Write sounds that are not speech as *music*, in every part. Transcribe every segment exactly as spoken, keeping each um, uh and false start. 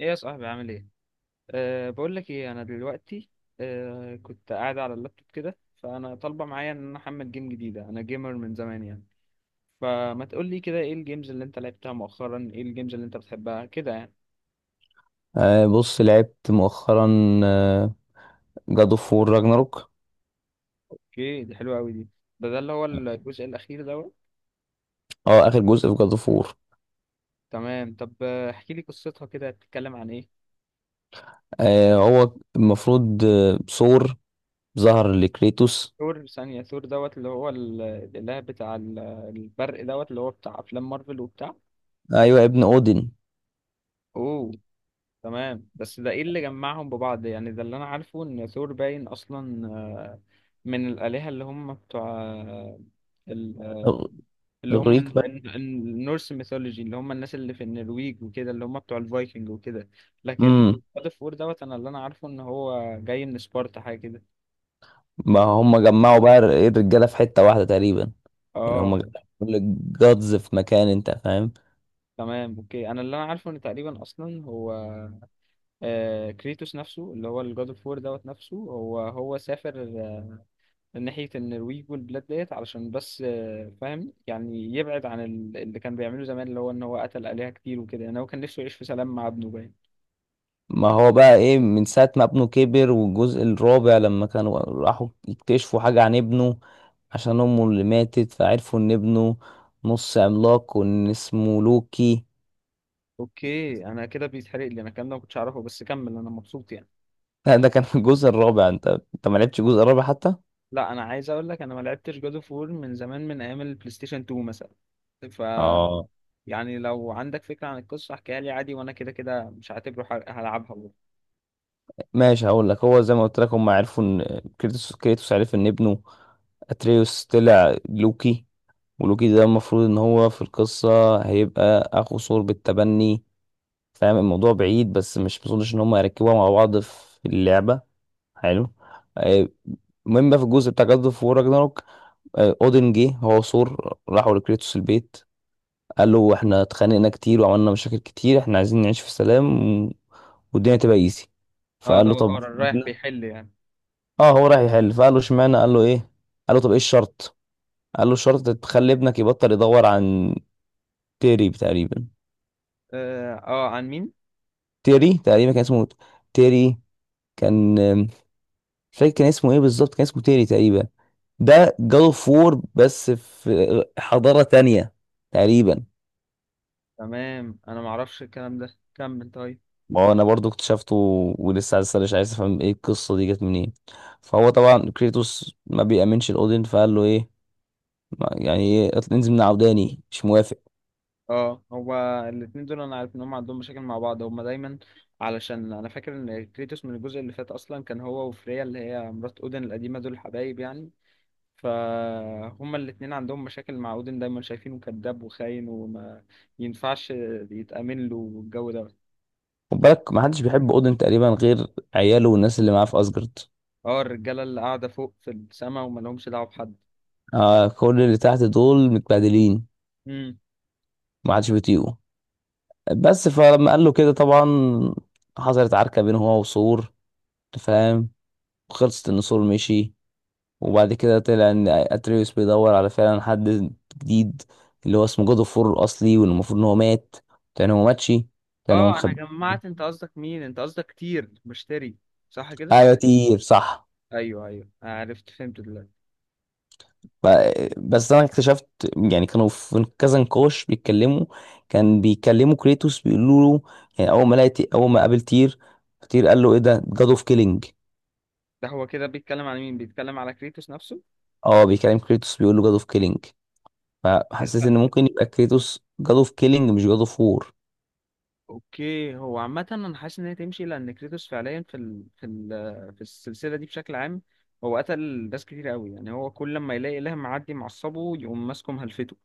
ايه يا صاحبي، عامل ايه؟ أه بقول لك ايه، انا دلوقتي. أه كنت قاعد على اللابتوب كده، فانا طالبه معايا ان انا احمل جيم جديده، انا جيمر من زمان يعني. فما تقول لي كده، ايه الجيمز اللي انت لعبتها مؤخرا؟ ايه الجيمز اللي انت بتحبها كده يعني؟ آه بص، لعبت مؤخرا جاد اوف وور راجناروك. اوكي، دي حلوه قوي دي. ده ده اللي هو الجزء الاخير دوت. اه اخر جزء في جاد اوف وور. تمام، طب آه، احكي لي قصتها كده، بتتكلم عن ايه؟ آه هو المفروض، آه، ثور ظهر لكريتوس. ثور؟ ثانيه، ثور دوت اللي هو ال- الاله بتاع ال- البرق دوت، اللي هو بتاع افلام مارفل وبتاع. ايوه، ابن اودين. اوه، تمام، بس ده ايه اللي جمعهم ببعض يعني؟ ده اللي انا عارفه ان ثور باين اصلا آه، من الآلهة اللي هم بتوع آه، ال- آه، إغ- اللي هم اغريق ال- بقى. ال- النورس ميثولوجي، اللي هم الناس اللي في النرويج وكده، اللي هم بتوع الفايكنج وكده. لكن امم God of War دوت، انا اللي انا عارفه ان هو جاي من سبارتا حاجة كده. ما هم جمعوا بقى الرجاله في حته واحده تقريبا، يعني هم اه، جمعوا كل الجادز في مكان، انت فاهم. تمام، اوكي. انا اللي انا عارفه ان تقريبا اصلا هو آه كريتوس نفسه، اللي هو الجاد اوف وور دوت نفسه، هو هو سافر من ناحية النرويج والبلاد ديت علشان بس آه، فاهم يعني، يبعد عن ال- اللي كان بيعمله زمان، اللي هو ان هو قتل آلهة كتير وكده، يعني هو كان نفسه يعيش في سلام مع ابنه باين. ما هو بقى ايه، من ساعة ما ابنه كبر والجزء الرابع لما كانوا راحوا يكتشفوا حاجة عن ابنه، عشان امه اللي ماتت، فعرفوا ان ابنه نص عملاق وان اسمه لوكي. اوكي، انا كده بيتحرق لي انا الكلام ده، ما كنتش اعرفه، بس كمل، انا مبسوط يعني. *laughs* لا، ده كان في الجزء الرابع. انت انت ما لعبتش الجزء الرابع حتى. لا، انا عايز اقول لك، انا ما لعبتش جاد اوف وور من زمان، من ايام البلاي ستيشن اتنين مثلا. ف اه يعني لو عندك فكرة عن القصة احكيها لي عادي، وانا كده كده مش هعتبره حرق، هلعبها برضه. ماشي، هقول لك، هو زي ما قلت لك، هم عرفوا ان كريتوس كريتوس عرف ان ابنه اتريوس طلع لوكي. ولوكي ده المفروض ان هو في القصة هيبقى اخو ثور بالتبني. فاهم الموضوع بعيد، بس مش مظنش ان هم يركبوها مع بعض في اللعبه. حلو. آه، المهم بقى، في الجزء بتاع جاد اوف وور راجناروك، اودن جه هو وثور راحوا لكريتوس البيت. قال له احنا اتخانقنا كتير وعملنا مشاكل كتير، احنا عايزين نعيش في سلام و- والدنيا تبقى ايزي. اه، فقال ده له هو- طب اه، رايح اشمعنى؟ بيحل يعني. اه، هو رايح يحل. فقال له اشمعنى، قال له ايه، قال له طب ايه الشرط؟ قال له الشرط تخلي ابنك يبطل يدور عن تيري تقريبا. اه، آه، عن مين؟ تيري تقريبا كان اسمه تيري. كان مش فاكر كان اسمه ايه بالظبط، كان اسمه تيري تقريبا. ده جاد اوف وور بس في حضارة تانية تقريبا. تمام، انا ما اعرفش الكلام ده، كمل طيب. ما هو انا برضو اكتشفته، ولسه عايز اسأل، مش عايز افهم ايه القصة دي جت منين. فهو طبعا كريتوس ما بيأمنش الاودين. فقال له ايه، ما- يعني ايه، اطل- انزل من عوداني، مش موافق. اه، هو. الاتنين دول انا عارف ان هم عندهم مشاكل مع بعض، هم دايما، علشان انا فاكر ان كريتوس من الجزء اللي فات اصلا كان هو وفريا، اللي هي مرات اودن القديمه، دول حبايب يعني. فهما الاتنين عندهم مشاكل مع اودن، دايما شايفينه كذاب وخاين وما ينفعش يتأمن له، والجو ده. خد بالك، ما حدش بيحب اودين تقريبا غير عياله والناس اللي معاه في اسجارد. اه، الرجاله اللي قاعده فوق في السما وما لهمش دعوه بحد. آه، كل اللي تحت دول متبهدلين، امم. ما حدش بيطيقه. بس فلما قال له كده، طبعا حصلت عركة بينه هو وثور، أنت فاهم. خلصت ان سول مشي، وبعد كده طلع ان اتريوس بيدور على فعلا حد جديد، اللي هو اسمه جود اوف وور الاصلي، واللي المفروض ان هو مات. كان هو ماتشي، كان هو اه، انا مخبي. جمعت. انت قصدك مين؟ انت قصدك كتير بشتري، صح كده؟ ايوه تير، صح. ايوه، ايوه، عرفت، فهمت دلوقتي. ب- بس انا اكتشفت، يعني كانوا في كذا نقاش بيتكلموا، كان بيكلموا كريتوس، بيقولوا له، يعني اول ما لقيت اول ما قابل تير، تير قال له ايه ده جاد اوف كيلينج. ده هو كده بيتكلم على مين؟ بيتكلم على كريتوس نفسه؟ اه بيكلم كريتوس بيقول له جاد اوف كيلينج. فحسيت لا. ان ممكن يبقى كريتوس جاد اوف كيلينج مش جاد اوف وور. اوكي، هو عامة انا حاسس ان هي تمشي، لان كريتوس فعليا في ال... في ال... في السلسلة دي بشكل عام، هو قتل ناس كتير قوي، يعني هو كل ما يلاقي اله معدي معصبه يقوم ماسكه مهلفته.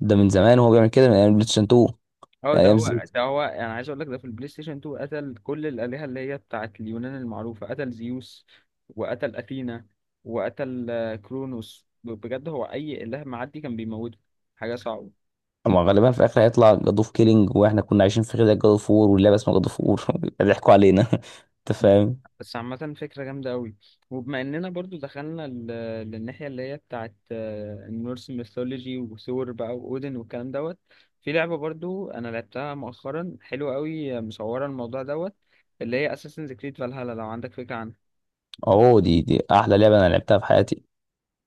ده من زمان وهو بيعمل كده، من ايام بلايستيشن اتنين، اه، من ده ايام زد. هو ده هو انا عايز اقول لك، ده في البلاي ستيشن اتنين قتل كل الالهة اللي هي بتاعت اليونان المعروفة، قتل زيوس، وقتل اثينا، وقتل آه، كرونوس، بجد هو اي اله معدي كان بيموته. حاجة صعبة. اما غالبا في الاخر هيطلع جاد اوف كيلينج، واحنا كنا عايشين في خير، جاد اوف وور واللعبه اسمها جاد اوف وور. *laughs* ضحكوا علينا. *laughs* انت فاهم. بس عامة فكرة جامدة قوي. وبما اننا برضو دخلنا ال- للناحية اللي هي بتاعت آه، النورس ميثولوجي وثور بقى واودن والكلام دوت، في لعبة برضو انا لعبتها مؤخرا حلوة قوي، آه، مصورة الموضوع دوت، اللي هي اساسنز كريد فالهالا، لو عندك فكرة عنها. اهو دي دي احلى لعبه انا لعبتها في حياتي.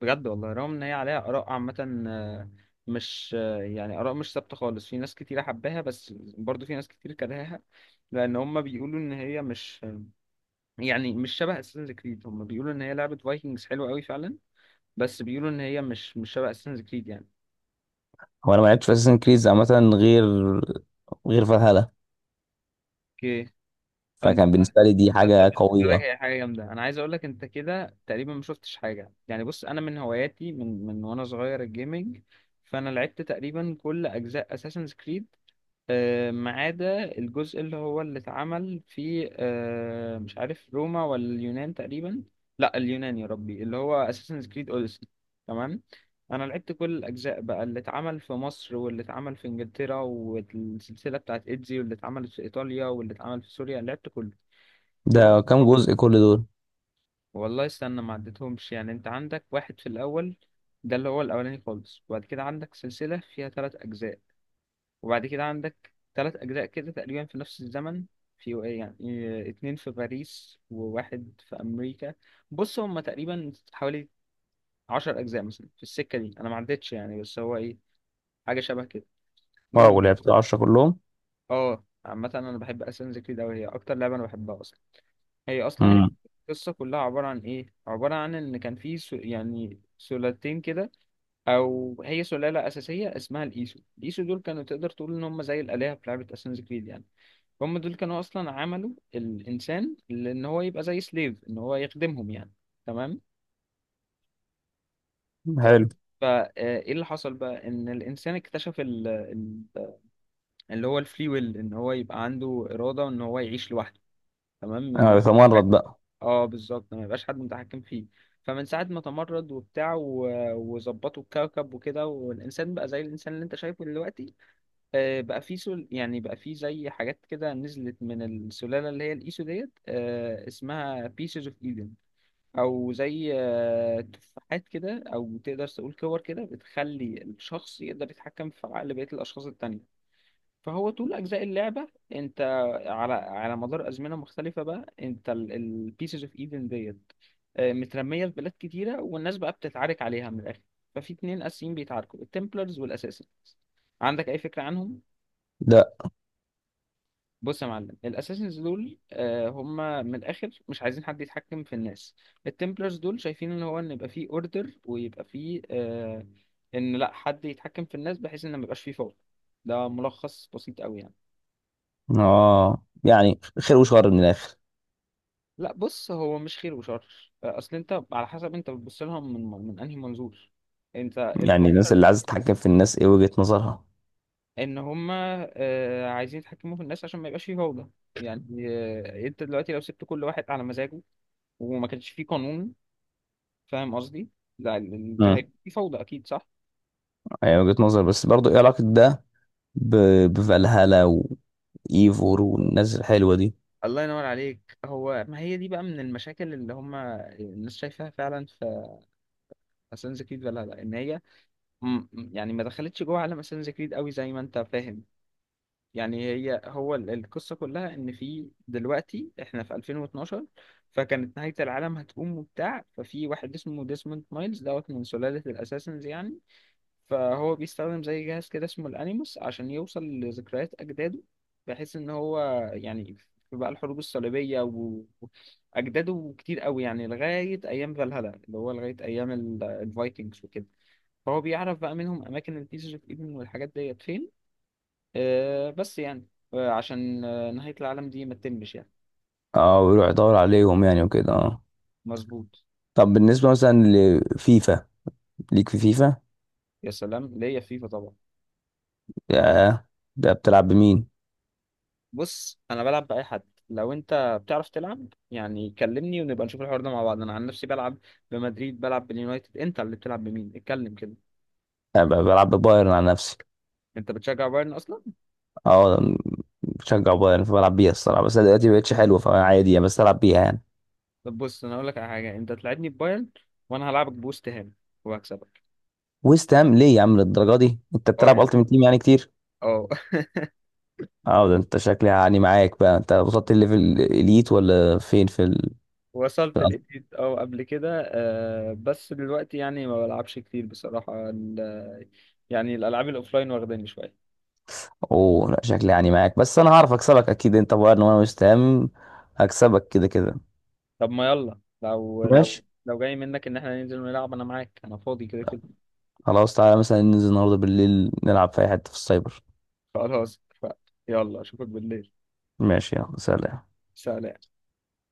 بجد والله، رغم ان هي عليها اراء عامة آه، مش آه، يعني اراء مش ثابتة خالص، في ناس كتيرة حباها، بس برضو في ناس كتير كرهاها، لان هم بيقولوا ان هي مش، يعني مش شبه اساسنز كريد، هم بيقولوا ان هي لعبة فايكنجز حلوة قوي فعلا، بس بيقولوا ان هي مش مش شبه اساسنز كريد يعني. هو انا ما لعبتش في اساسن كريز عامه، غير غير فالهالا. اوكي. فانت. فكان بالنسبه لي دي حاجه قابلت بالك، قويه. هي حاجه جامده، انا عايز اقول لك، انت كده تقريبا ما شفتش حاجه يعني. بص انا من هواياتي من من وانا صغير الجيمنج، فانا لعبت تقريبا كل اجزاء اساسنز كريد، آه، ما عدا الجزء اللي هو اللي اتعمل في آه، مش عارف روما ولا اليونان تقريبا. لا، اليونان، يا ربي، اللي هو اساسن كريد اوديسي. تمام. انا لعبت كل الاجزاء بقى، اللي اتعمل في مصر واللي اتعمل في انجلترا والسلسله بتاعت ايدزي واللي اتعملت في ايطاليا واللي اتعمل في سوريا، لعبت كله. فبص، ده كام جزء كل دول؟ والله استنى، ما عدتهمش يعني، انت عندك واحد في الاول، ده اللي هو الاولاني خالص، وبعد كده عندك سلسله فيها ثلاث اجزاء، وبعد كده عندك ثلاث أجزاء كده تقريبا في نفس الزمن، في، يعني، آه، اتنين في باريس وواحد في أمريكا. بص هما تقريبا حوالي عشر أجزاء مثلا في السكة دي، أنا ما عدتش يعني، بس هو إيه، حاجة شبه كده. اه، المهم، ولعبت عشرة كلهم. اه، عامة أنا بحب أساسنز كريد أوي، هي أكتر لعبة أنا بحبها أصلا. هي أصلا امم. القصة كلها عبارة عن إيه؟ عبارة عن إن كان في سو... يعني سلالتين كده، أو هي سلالة أساسية اسمها الإيسو. الإيسو دول كانوا، تقدر تقول إن هم زي الآلهة في لعبة أساسنز كريد يعني، هم دول كانوا اصلا عملوا الانسان، لان هو يبقى زي سليف، ان هو يخدمهم يعني. تمام، حلو. طيب. فايه اللي حصل بقى، ان الانسان اكتشف ال... ال... اللي هو الفري ويل، ان هو يبقى عنده اراده ان هو يعيش لوحده. تمام، ما انا يبقاش بتمرد حد. بقى. اه بالظبط، ما يبقاش حد متحكم فيه. فمن ساعه ما تمرد وبتاع و... وظبطوا الكوكب وكده، والانسان بقى زي الانسان اللي انت شايفه دلوقتي. آه، بقى في سل... يعني بقى في زي حاجات كده نزلت من السلالة اللي هي الإيسو ديت، آه، اسمها Pieces of Eden، أو زي آه، تفاحات كده، أو تقدر تقول كور كده، بتخلي الشخص يقدر يتحكم في عقل بقية الأشخاص التانية. فهو طول أجزاء اللعبة، أنت، على على مدار أزمنة مختلفة بقى، أنت ال ال- Pieces of Eden ديت آه، مترمية في بلاد كتيرة، والناس بقى بتتعارك عليها من الآخر. ففي اتنين أساسيين بيتعاركوا، التمبلرز والأساسن. عندك أي فكرة عنهم؟ ده، بص يا معلم، الاساسنز دول آه، هم من الاخر مش عايزين حد يتحكم في الناس. التمبلرز دول شايفين ان هو، ان يبقى فيه اوردر ويبقى فيه آه، ان لا حد يتحكم في الناس، بحيث ان ما يبقاش فيه فوضى. ده ملخص بسيط قوي يعني. اه، يعني خير وشر من الاخر. لا بص، هو مش خير وشر، آه، اصل انت على حسب انت بتبص لها من من انهي منظور. انت يعني الناس الفكرة، اللي عايزه تتحكم في الناس ايه وجهة نظرها؟ ان هم آه، عايزين يتحكموا في الناس عشان ما يبقاش فيه فوضى. يعني آه، انت دلوقتي لو سبت كل واحد على مزاجه، وما كانش فيه قانون، فاهم قصدي؟ لا، ال- ال- دي امم هيبقى في فوضى أكيد، صح؟ يعني وجهة نظر، بس برضو ايه علاقة ده ب- بفالهالا وايفور والناس الحلوة دي؟ الله ينور عليك، هو ما هي دي بقى من المشاكل اللي هم الناس شايفاها فعلا في اساسنز كريد ولا لا، ان هي، م- م- يعني ما دخلتش جوه عالم اساسنز كريد قوي زي ما انت فاهم يعني. هي هو ال- القصة كلها ان في دلوقتي احنا في ألفين واتناشر، فكانت نهاية العالم هتقوم وبتاع، ففي واحد اسمه ديسموند مايلز دوت من سلالة الاساسنز يعني، فهو بيستخدم زي جهاز كده اسمه الانيموس عشان يوصل لذكريات اجداده، بحيث ان هو، يعني، في بقى الحروب الصليبيه و- واجداده كتير قوي يعني، لغايه ايام فالهالا، اللي هو لغايه ايام ال- الفايكنجز وكده، فهو بيعرف بقى منهم اماكن البيسز اوف ايفن والحاجات ديت فين، آه بس يعني، آه عشان آه نهايه العالم دي ما تتمش يعني. اه، ويروح يدور عليهم يعني وكده، اه. مظبوط. طب بالنسبة مثلا لفيفا، ليك في فيفا؟ يا سلام، ليا فيفا طبعا. يا، ده بتلعب بمين؟ بص انا بلعب باي حد، لو انت بتعرف تلعب يعني، كلمني ونبقى نشوف الحوار ده مع بعض. انا عن نفسي بلعب بمدريد، بلعب باليونايتد. انت اللي بتلعب بمين؟ اتكلم كده. أنا ب- بلعب ببايرن على نفسي. انت بتشجع بايرن اصلا؟ اه، أنا بشجع بايرن فبلعب بيها الصراحة، بس أنا دلوقتي مبقتش حلوة فعادي يعني، بس ألعب بيها يعني. طب بص، انا اقول لك على حاجه، انت تلعبني ببايرن، وانا هلعبك بوست هام، وهكسبك. ويست هام ليه يا عم للدرجة دي؟ أنت اه، بتلعب يعني، التيمت تيم يعني كتير؟ اه *laughs* اه، ده أنت شكلي يعني معاك بقى، أنت وصلت الليفل الإليت ولا فين في ال... وصلت لقيت اه قبل كده، آه بس دلوقتي يعني ما بلعبش كتير بصراحه ال- يعني الالعاب الاوفلاين واخداني شويه. اوه لا، شكلي يعني معاك، بس انا هعرف اكسبك اكيد، انت بقى ان انا مستهم، هكسبك كده كده. طب ما يلا، لو لو ماشي، لو جاي منك ان احنا ننزل نلعب انا معاك، انا فاضي كده كده. خلاص، تعالى مثلا ننزل النهارده بالليل نلعب في اي حته في السايبر. خلاص اتفقنا. يلا اشوفك بالليل. ماشي، يلا سلام. سلام.